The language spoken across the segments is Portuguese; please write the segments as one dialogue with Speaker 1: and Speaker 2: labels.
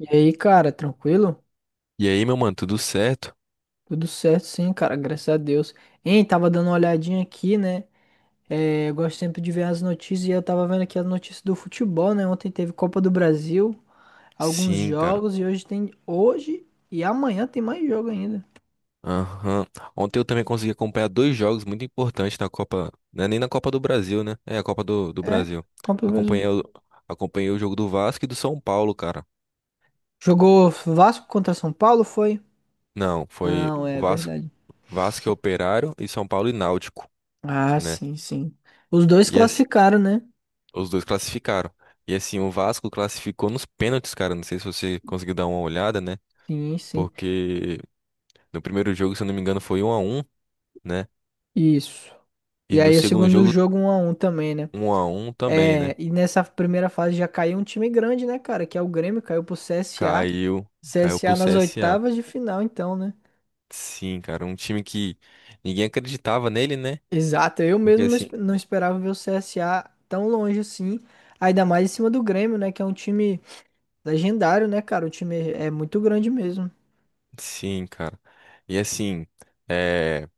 Speaker 1: E aí, cara, tranquilo?
Speaker 2: E aí, meu mano, tudo certo?
Speaker 1: Tudo certo, sim, cara, graças a Deus. Hein, tava dando uma olhadinha aqui, né? É, eu gosto sempre de ver as notícias e eu tava vendo aqui as notícias do futebol, né? Ontem teve Copa do Brasil, alguns
Speaker 2: Sim, cara.
Speaker 1: jogos e hoje tem. Hoje e amanhã tem mais jogo ainda.
Speaker 2: Aham. Ontem eu também consegui acompanhar dois jogos muito importantes na Copa. Não é nem na Copa do Brasil, né? É a Copa do
Speaker 1: É,
Speaker 2: Brasil.
Speaker 1: Copa do Brasil.
Speaker 2: Acompanhei o, acompanhei o jogo do Vasco e do São Paulo, cara.
Speaker 1: Jogou Vasco contra São Paulo, foi?
Speaker 2: Não, foi
Speaker 1: Não,
Speaker 2: o
Speaker 1: é
Speaker 2: Vasco,
Speaker 1: verdade.
Speaker 2: Vasco e Operário e São Paulo e Náutico,
Speaker 1: Ah,
Speaker 2: né?
Speaker 1: sim, sim. Os dois
Speaker 2: E
Speaker 1: classificaram, né?
Speaker 2: os dois classificaram. E assim, o Vasco classificou nos pênaltis, cara. Não sei se você conseguiu dar uma olhada, né?
Speaker 1: Sim, sim.
Speaker 2: Porque no primeiro jogo, se eu não me engano, foi um a um, né?
Speaker 1: Isso.
Speaker 2: E
Speaker 1: E
Speaker 2: no
Speaker 1: aí, o
Speaker 2: segundo
Speaker 1: segundo
Speaker 2: jogo,
Speaker 1: jogo, um a um também, né?
Speaker 2: um a um também, né?
Speaker 1: É, e nessa primeira fase já caiu um time grande, né, cara? Que é o Grêmio, caiu pro CSA.
Speaker 2: Caiu, caiu pro
Speaker 1: CSA nas
Speaker 2: CSA.
Speaker 1: oitavas de final, então, né?
Speaker 2: Sim, cara, um time que ninguém acreditava nele, né?
Speaker 1: Exato, eu
Speaker 2: Porque
Speaker 1: mesmo não,
Speaker 2: assim,
Speaker 1: não esperava ver o CSA tão longe assim. Ainda mais em cima do Grêmio, né? Que é um time legendário, né, cara? O time é muito grande mesmo.
Speaker 2: sim, cara. E assim, é,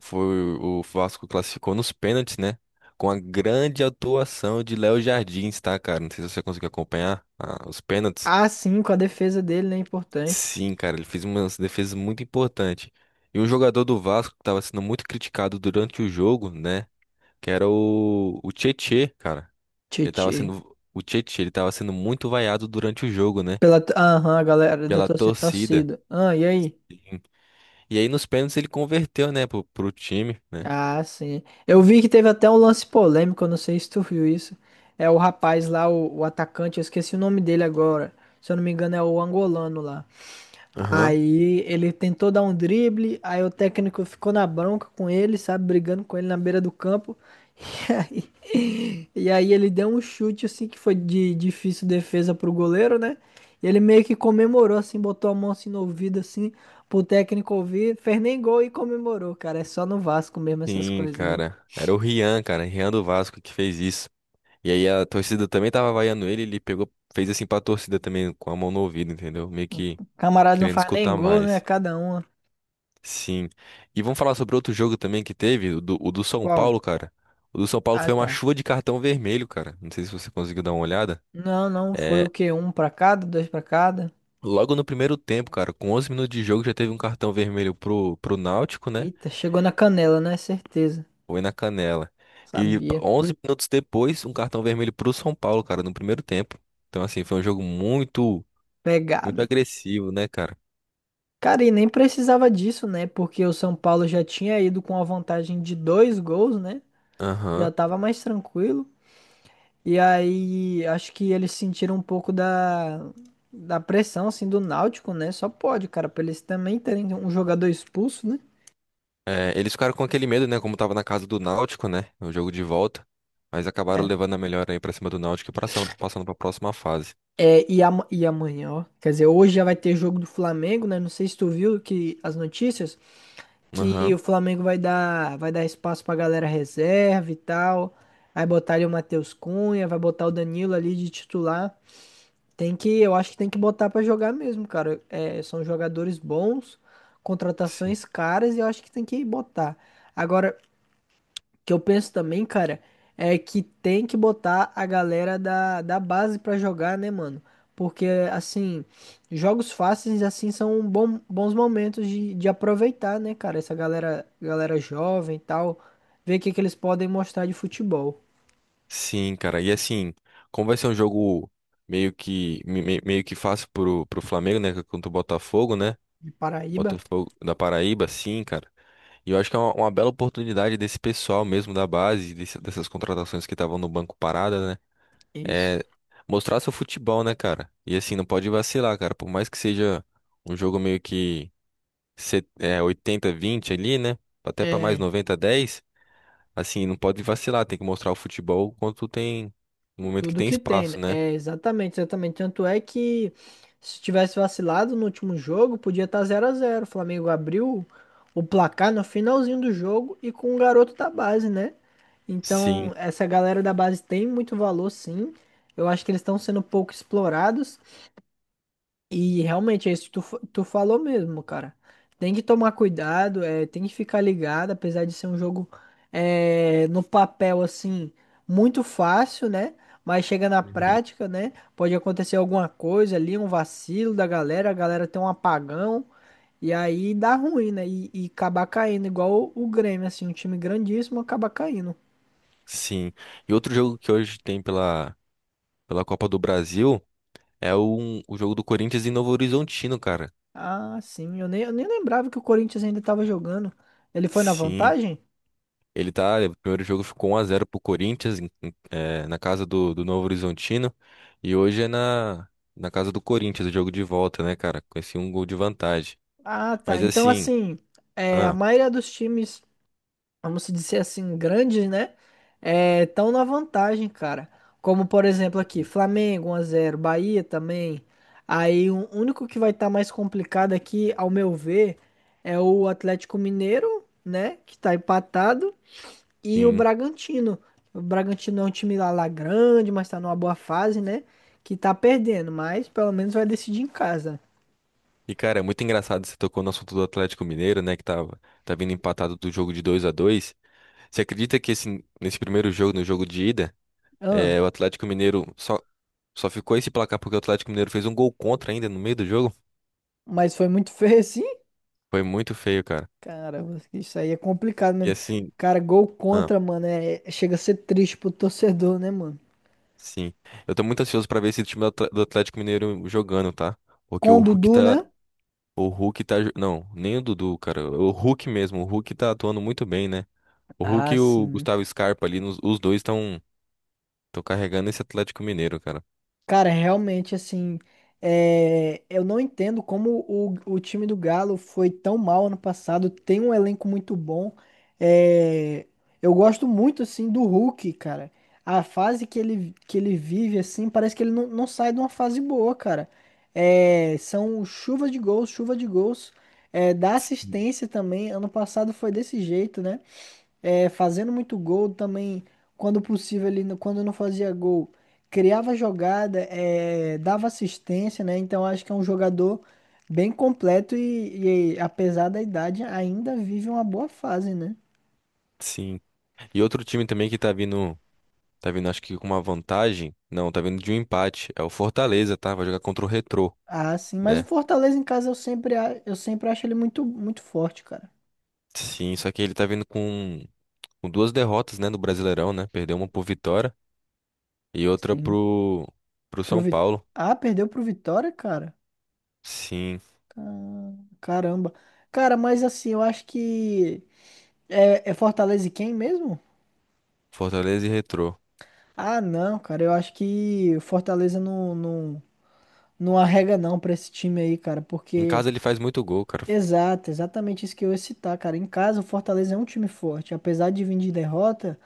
Speaker 2: foi o Vasco classificou nos pênaltis, né? Com a grande atuação de Léo Jardins, tá, cara? Não sei se você conseguiu acompanhar os pênaltis.
Speaker 1: Ah, sim, com a defesa dele, né? Importante.
Speaker 2: Sim, cara, ele fez uma defesa muito importante. E um jogador do Vasco que estava sendo muito criticado durante o jogo, né? Que era o Tietê, cara. Ele tava
Speaker 1: Titi.
Speaker 2: sendo. O Tietchan, ele tava sendo muito vaiado durante o jogo, né?
Speaker 1: Pela, aham, a galera da
Speaker 2: Pela
Speaker 1: torcida,
Speaker 2: torcida.
Speaker 1: torcida. Ah, e aí?
Speaker 2: Sim. E aí nos pênaltis ele converteu, né, pro time, né?
Speaker 1: Ah, sim. Eu vi que teve até um lance polêmico, eu não sei se tu viu isso. É o rapaz lá, o atacante, eu esqueci o nome dele agora. Se eu não me engano, é o angolano lá.
Speaker 2: Aham.
Speaker 1: Aí ele tentou dar um drible, aí o técnico ficou na bronca com ele, sabe, brigando com ele na beira do campo. E aí, ele deu um chute assim que foi de difícil defesa pro goleiro, né? E ele meio que comemorou assim, botou a mão assim no ouvido assim, pro técnico ouvir, fez nem gol e comemorou, cara. É só no Vasco mesmo essas
Speaker 2: Sim,
Speaker 1: coisas, né?
Speaker 2: cara. Era o Rian, cara, Rian do Vasco que fez isso. E aí a torcida também tava vaiando ele, ele pegou, fez assim pra torcida também, com a mão no ouvido, entendeu? Meio que
Speaker 1: Camarada não
Speaker 2: querendo
Speaker 1: faz nem
Speaker 2: escutar
Speaker 1: gol, né? É
Speaker 2: mais.
Speaker 1: cada uma.
Speaker 2: Sim. E vamos falar sobre outro jogo também que teve, o do São
Speaker 1: Qual?
Speaker 2: Paulo, cara. O do São Paulo
Speaker 1: Ah,
Speaker 2: foi uma
Speaker 1: tá.
Speaker 2: chuva de cartão vermelho, cara. Não sei se você conseguiu dar uma olhada.
Speaker 1: Não, não, foi o
Speaker 2: É,
Speaker 1: quê? Um pra cada, dois pra cada.
Speaker 2: Logo no primeiro tempo, cara, com 11 minutos de jogo já teve um cartão vermelho pro Náutico, né?
Speaker 1: Eita, chegou na canela, né? Certeza.
Speaker 2: Foi na canela. E
Speaker 1: Sabia.
Speaker 2: 11 minutos depois, um cartão vermelho pro São Paulo, cara, no primeiro tempo. Então, assim, foi um jogo muito, muito
Speaker 1: Pegado.
Speaker 2: agressivo, né, cara?
Speaker 1: Cara, e nem precisava disso, né? Porque o São Paulo já tinha ido com a vantagem de dois gols, né?
Speaker 2: Aham.
Speaker 1: Já tava mais tranquilo. E aí, acho que eles sentiram um pouco da pressão, assim, do Náutico, né? Só pode, cara, pra eles também terem um jogador expulso, né?
Speaker 2: É, eles ficaram com aquele medo, né? Como tava na casa do Náutico, né? O jogo de volta. Mas acabaram levando a melhor aí pra cima do Náutico e passando, passando pra próxima fase.
Speaker 1: É, e amanhã, ó. Quer dizer, hoje já vai ter jogo do Flamengo, né? Não sei se tu viu que as notícias que
Speaker 2: Aham.
Speaker 1: o Flamengo vai dar espaço pra galera reserva e tal. Aí botar ali o Matheus Cunha, vai botar o Danilo ali de titular. Tem que, eu acho que tem que botar pra jogar mesmo, cara. É, são jogadores bons, contratações caras e eu acho que tem que botar. Agora, que eu penso também, cara, é que tem que botar a galera da base pra jogar, né, mano? Porque, assim, jogos fáceis, assim, são bons momentos de aproveitar, né, cara? Essa galera jovem e tal, ver o que, que eles podem mostrar de futebol.
Speaker 2: Sim, cara. E assim, como vai ser um jogo meio que meio que fácil pro Flamengo, né? Contra o Botafogo, né?
Speaker 1: De Paraíba,
Speaker 2: Botafogo da Paraíba, sim, cara. E eu acho que é uma bela oportunidade desse pessoal mesmo da base, dessas contratações que estavam no banco parada, né?
Speaker 1: isso.
Speaker 2: É mostrar seu futebol, né, cara? E assim, não pode vacilar, cara. Por mais que seja um jogo meio que 80-20 ali, né? Até pra mais
Speaker 1: É,
Speaker 2: 90-10. Assim, não pode vacilar, tem que mostrar o futebol quando tem, no momento que
Speaker 1: tudo
Speaker 2: tem
Speaker 1: que tem, né?
Speaker 2: espaço, né?
Speaker 1: É exatamente, exatamente. Tanto é que se tivesse vacilado no último jogo, podia estar zero a zero. O Flamengo abriu o placar no finalzinho do jogo e com um garoto da base, né?
Speaker 2: Sim.
Speaker 1: Então, essa galera da base tem muito valor, sim. Eu acho que eles estão sendo pouco explorados. E realmente é isso que tu falou mesmo, cara. Tem que tomar cuidado, é, tem que ficar ligado, apesar de ser um jogo é, no papel assim muito fácil, né? Mas chega na
Speaker 2: Uhum.
Speaker 1: prática, né? Pode acontecer alguma coisa ali, um vacilo da galera, a galera tem um apagão e aí dá ruim, né? E acabar caindo, igual o Grêmio, assim, um time grandíssimo acaba caindo.
Speaker 2: Sim. E outro jogo que hoje tem pela, pela Copa do Brasil é o jogo do Corinthians em Novo Horizontino, cara.
Speaker 1: Ah, sim, eu nem lembrava que o Corinthians ainda tava jogando. Ele foi na
Speaker 2: Sim,
Speaker 1: vantagem?
Speaker 2: ele tá, o primeiro jogo ficou 1 a zero pro Corinthians, na casa do Novo Horizontino, e hoje é na casa do Corinthians, o jogo de volta, né, cara? Com esse um gol de vantagem.
Speaker 1: Ah, tá.
Speaker 2: Mas
Speaker 1: Então,
Speaker 2: assim,
Speaker 1: assim, é, a
Speaker 2: ah,
Speaker 1: maioria dos times, vamos dizer assim, grandes, né? Estão na vantagem, cara. Como, por exemplo, aqui, Flamengo 1 a 0, Bahia também. Aí, o único que vai estar mais complicado aqui, ao meu ver, é o Atlético Mineiro, né? Que tá empatado. E o
Speaker 2: sim.
Speaker 1: Bragantino. O Bragantino é um time lá grande, mas tá numa boa fase, né? Que tá perdendo, mas pelo menos vai decidir em casa.
Speaker 2: E, cara, é muito engraçado você tocou no assunto do Atlético Mineiro, né? Que tá vindo empatado do jogo de 2 a 2. Você acredita que nesse primeiro jogo, no jogo de ida,
Speaker 1: Ah,
Speaker 2: o Atlético Mineiro só ficou esse placar porque o Atlético Mineiro fez um gol contra ainda no meio do jogo?
Speaker 1: mas foi muito feio, assim.
Speaker 2: Foi muito feio, cara.
Speaker 1: Caramba, isso aí é complicado
Speaker 2: E
Speaker 1: mesmo.
Speaker 2: assim,
Speaker 1: Cara, gol
Speaker 2: ah,
Speaker 1: contra, mano, é, chega a ser triste pro torcedor, né, mano?
Speaker 2: sim. Eu tô muito ansioso pra ver esse time do Atlético Mineiro jogando, tá? Porque
Speaker 1: Com o
Speaker 2: o Hulk
Speaker 1: Dudu, né?
Speaker 2: tá. O Hulk tá. Não, nem o Dudu, cara. O Hulk mesmo. O Hulk tá atuando muito bem, né? O Hulk
Speaker 1: Ah,
Speaker 2: e o
Speaker 1: sim.
Speaker 2: Gustavo Scarpa ali, os dois estão. Tô carregando esse Atlético Mineiro, cara.
Speaker 1: Cara, realmente, assim, é, eu não entendo como o time do Galo foi tão mal ano passado. Tem um elenco muito bom. É, eu gosto muito, assim, do Hulk, cara. A fase que ele vive, assim, parece que ele não sai de uma fase boa, cara. É, são chuva de gols, chuva de gols. É, dá
Speaker 2: S-
Speaker 1: assistência também. Ano passado foi desse jeito, né? É, fazendo muito gol também, quando possível, ele, quando não fazia gol, criava jogada, é, dava assistência, né? Então acho que é um jogador bem completo e apesar da idade, ainda vive uma boa fase, né?
Speaker 2: Sim. E outro time também que tá vindo acho que com uma vantagem. Não, tá vindo de um empate. É o Fortaleza, tá? Vai jogar contra o Retrô,
Speaker 1: Ah, sim, mas o
Speaker 2: né?
Speaker 1: Fortaleza em casa eu sempre acho ele muito, muito forte, cara.
Speaker 2: Sim, só que ele tá vindo com duas derrotas, né, no Brasileirão, né? Perdeu uma pro Vitória e outra
Speaker 1: Sim.
Speaker 2: pro
Speaker 1: Pro
Speaker 2: São
Speaker 1: Vi-
Speaker 2: Paulo.
Speaker 1: Ah, perdeu pro Vitória, cara?
Speaker 2: Sim,
Speaker 1: Ca- Caramba. Cara, mas assim, eu acho que. É Fortaleza e quem mesmo?
Speaker 2: Fortaleza e Retrô.
Speaker 1: Ah, não, cara, eu acho que o Fortaleza não, não, não arrega não pra esse time aí, cara,
Speaker 2: Em
Speaker 1: porque
Speaker 2: casa ele faz muito gol, cara.
Speaker 1: exato, exatamente isso que eu ia citar, cara. Em casa, o Fortaleza é um time forte, apesar de vir de derrota,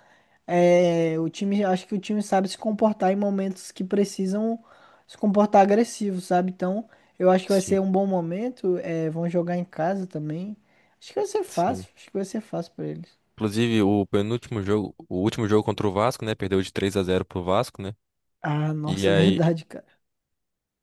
Speaker 1: é, o time, acho que o time sabe se comportar em momentos que precisam se comportar agressivo, sabe? Então, eu acho que vai
Speaker 2: Sim,
Speaker 1: ser um bom momento, é, vão jogar em casa também. Acho que vai ser
Speaker 2: sim.
Speaker 1: fácil, acho que vai ser fácil pra eles.
Speaker 2: Inclusive, o penúltimo jogo, o último jogo contra o Vasco, né? Perdeu de 3 a 0 pro Vasco, né?
Speaker 1: Ah,
Speaker 2: E
Speaker 1: nossa,
Speaker 2: aí.
Speaker 1: verdade, cara.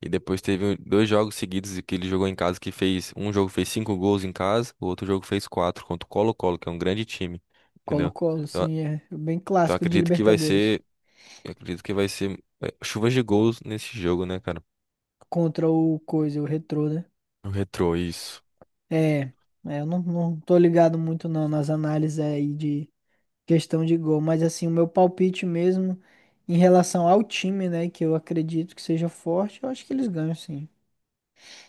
Speaker 2: E depois teve um, dois jogos seguidos que ele jogou em casa que fez. Um jogo fez cinco gols em casa, o outro jogo fez quatro contra o Colo-Colo, que é um grande time. Entendeu?
Speaker 1: Colo-Colo,
Speaker 2: Então,
Speaker 1: sim, é bem
Speaker 2: então,
Speaker 1: clássico de Libertadores.
Speaker 2: acredito que vai ser, chuvas de gols nesse jogo, né, cara?
Speaker 1: Contra o coisa, o Retrô, né?
Speaker 2: O Retrô, isso.
Speaker 1: É, é, eu não tô ligado muito não nas análises aí de questão de gol, mas assim, o meu palpite mesmo em relação ao time, né, que eu acredito que seja forte, eu acho que eles ganham sim.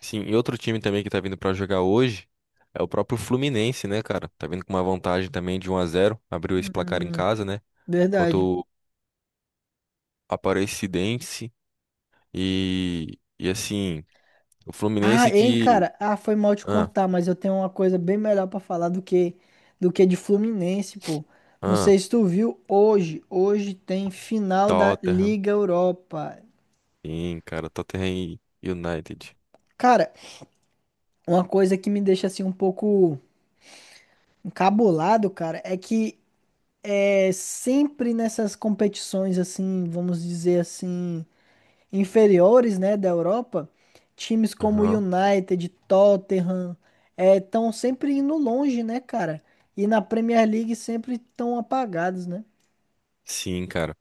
Speaker 2: Sim, e outro time também que tá vindo pra jogar hoje é o próprio Fluminense, né, cara? Tá vindo com uma vantagem também de um a zero, abriu esse placar em
Speaker 1: Hum,
Speaker 2: casa, né? Contra
Speaker 1: verdade.
Speaker 2: o Aparecidense. E assim, o
Speaker 1: Ah,
Speaker 2: Fluminense
Speaker 1: hein,
Speaker 2: que
Speaker 1: cara, ah, foi mal te
Speaker 2: ah,
Speaker 1: cortar, mas eu tenho uma coisa bem melhor pra falar do que de Fluminense, pô. Não
Speaker 2: ah,
Speaker 1: sei se tu viu hoje, hoje tem final da
Speaker 2: Tottenham.
Speaker 1: Liga Europa.
Speaker 2: Sim, cara. Tottenham e United.
Speaker 1: Cara, uma coisa que me deixa assim um pouco cabulado, cara, é que é sempre nessas competições assim, vamos dizer assim, inferiores, né, da Europa, times como
Speaker 2: Aham.
Speaker 1: United, Tottenham, estão sempre indo longe, né, cara? E na Premier League sempre estão apagados, né?
Speaker 2: Sim, cara.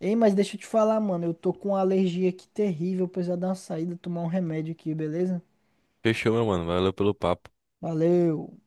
Speaker 1: Ei, mas deixa eu te falar, mano, eu tô com uma alergia aqui terrível, eu preciso dar uma saída, tomar um remédio aqui, beleza?
Speaker 2: Fechou, meu mano. Valeu pelo papo.
Speaker 1: Valeu.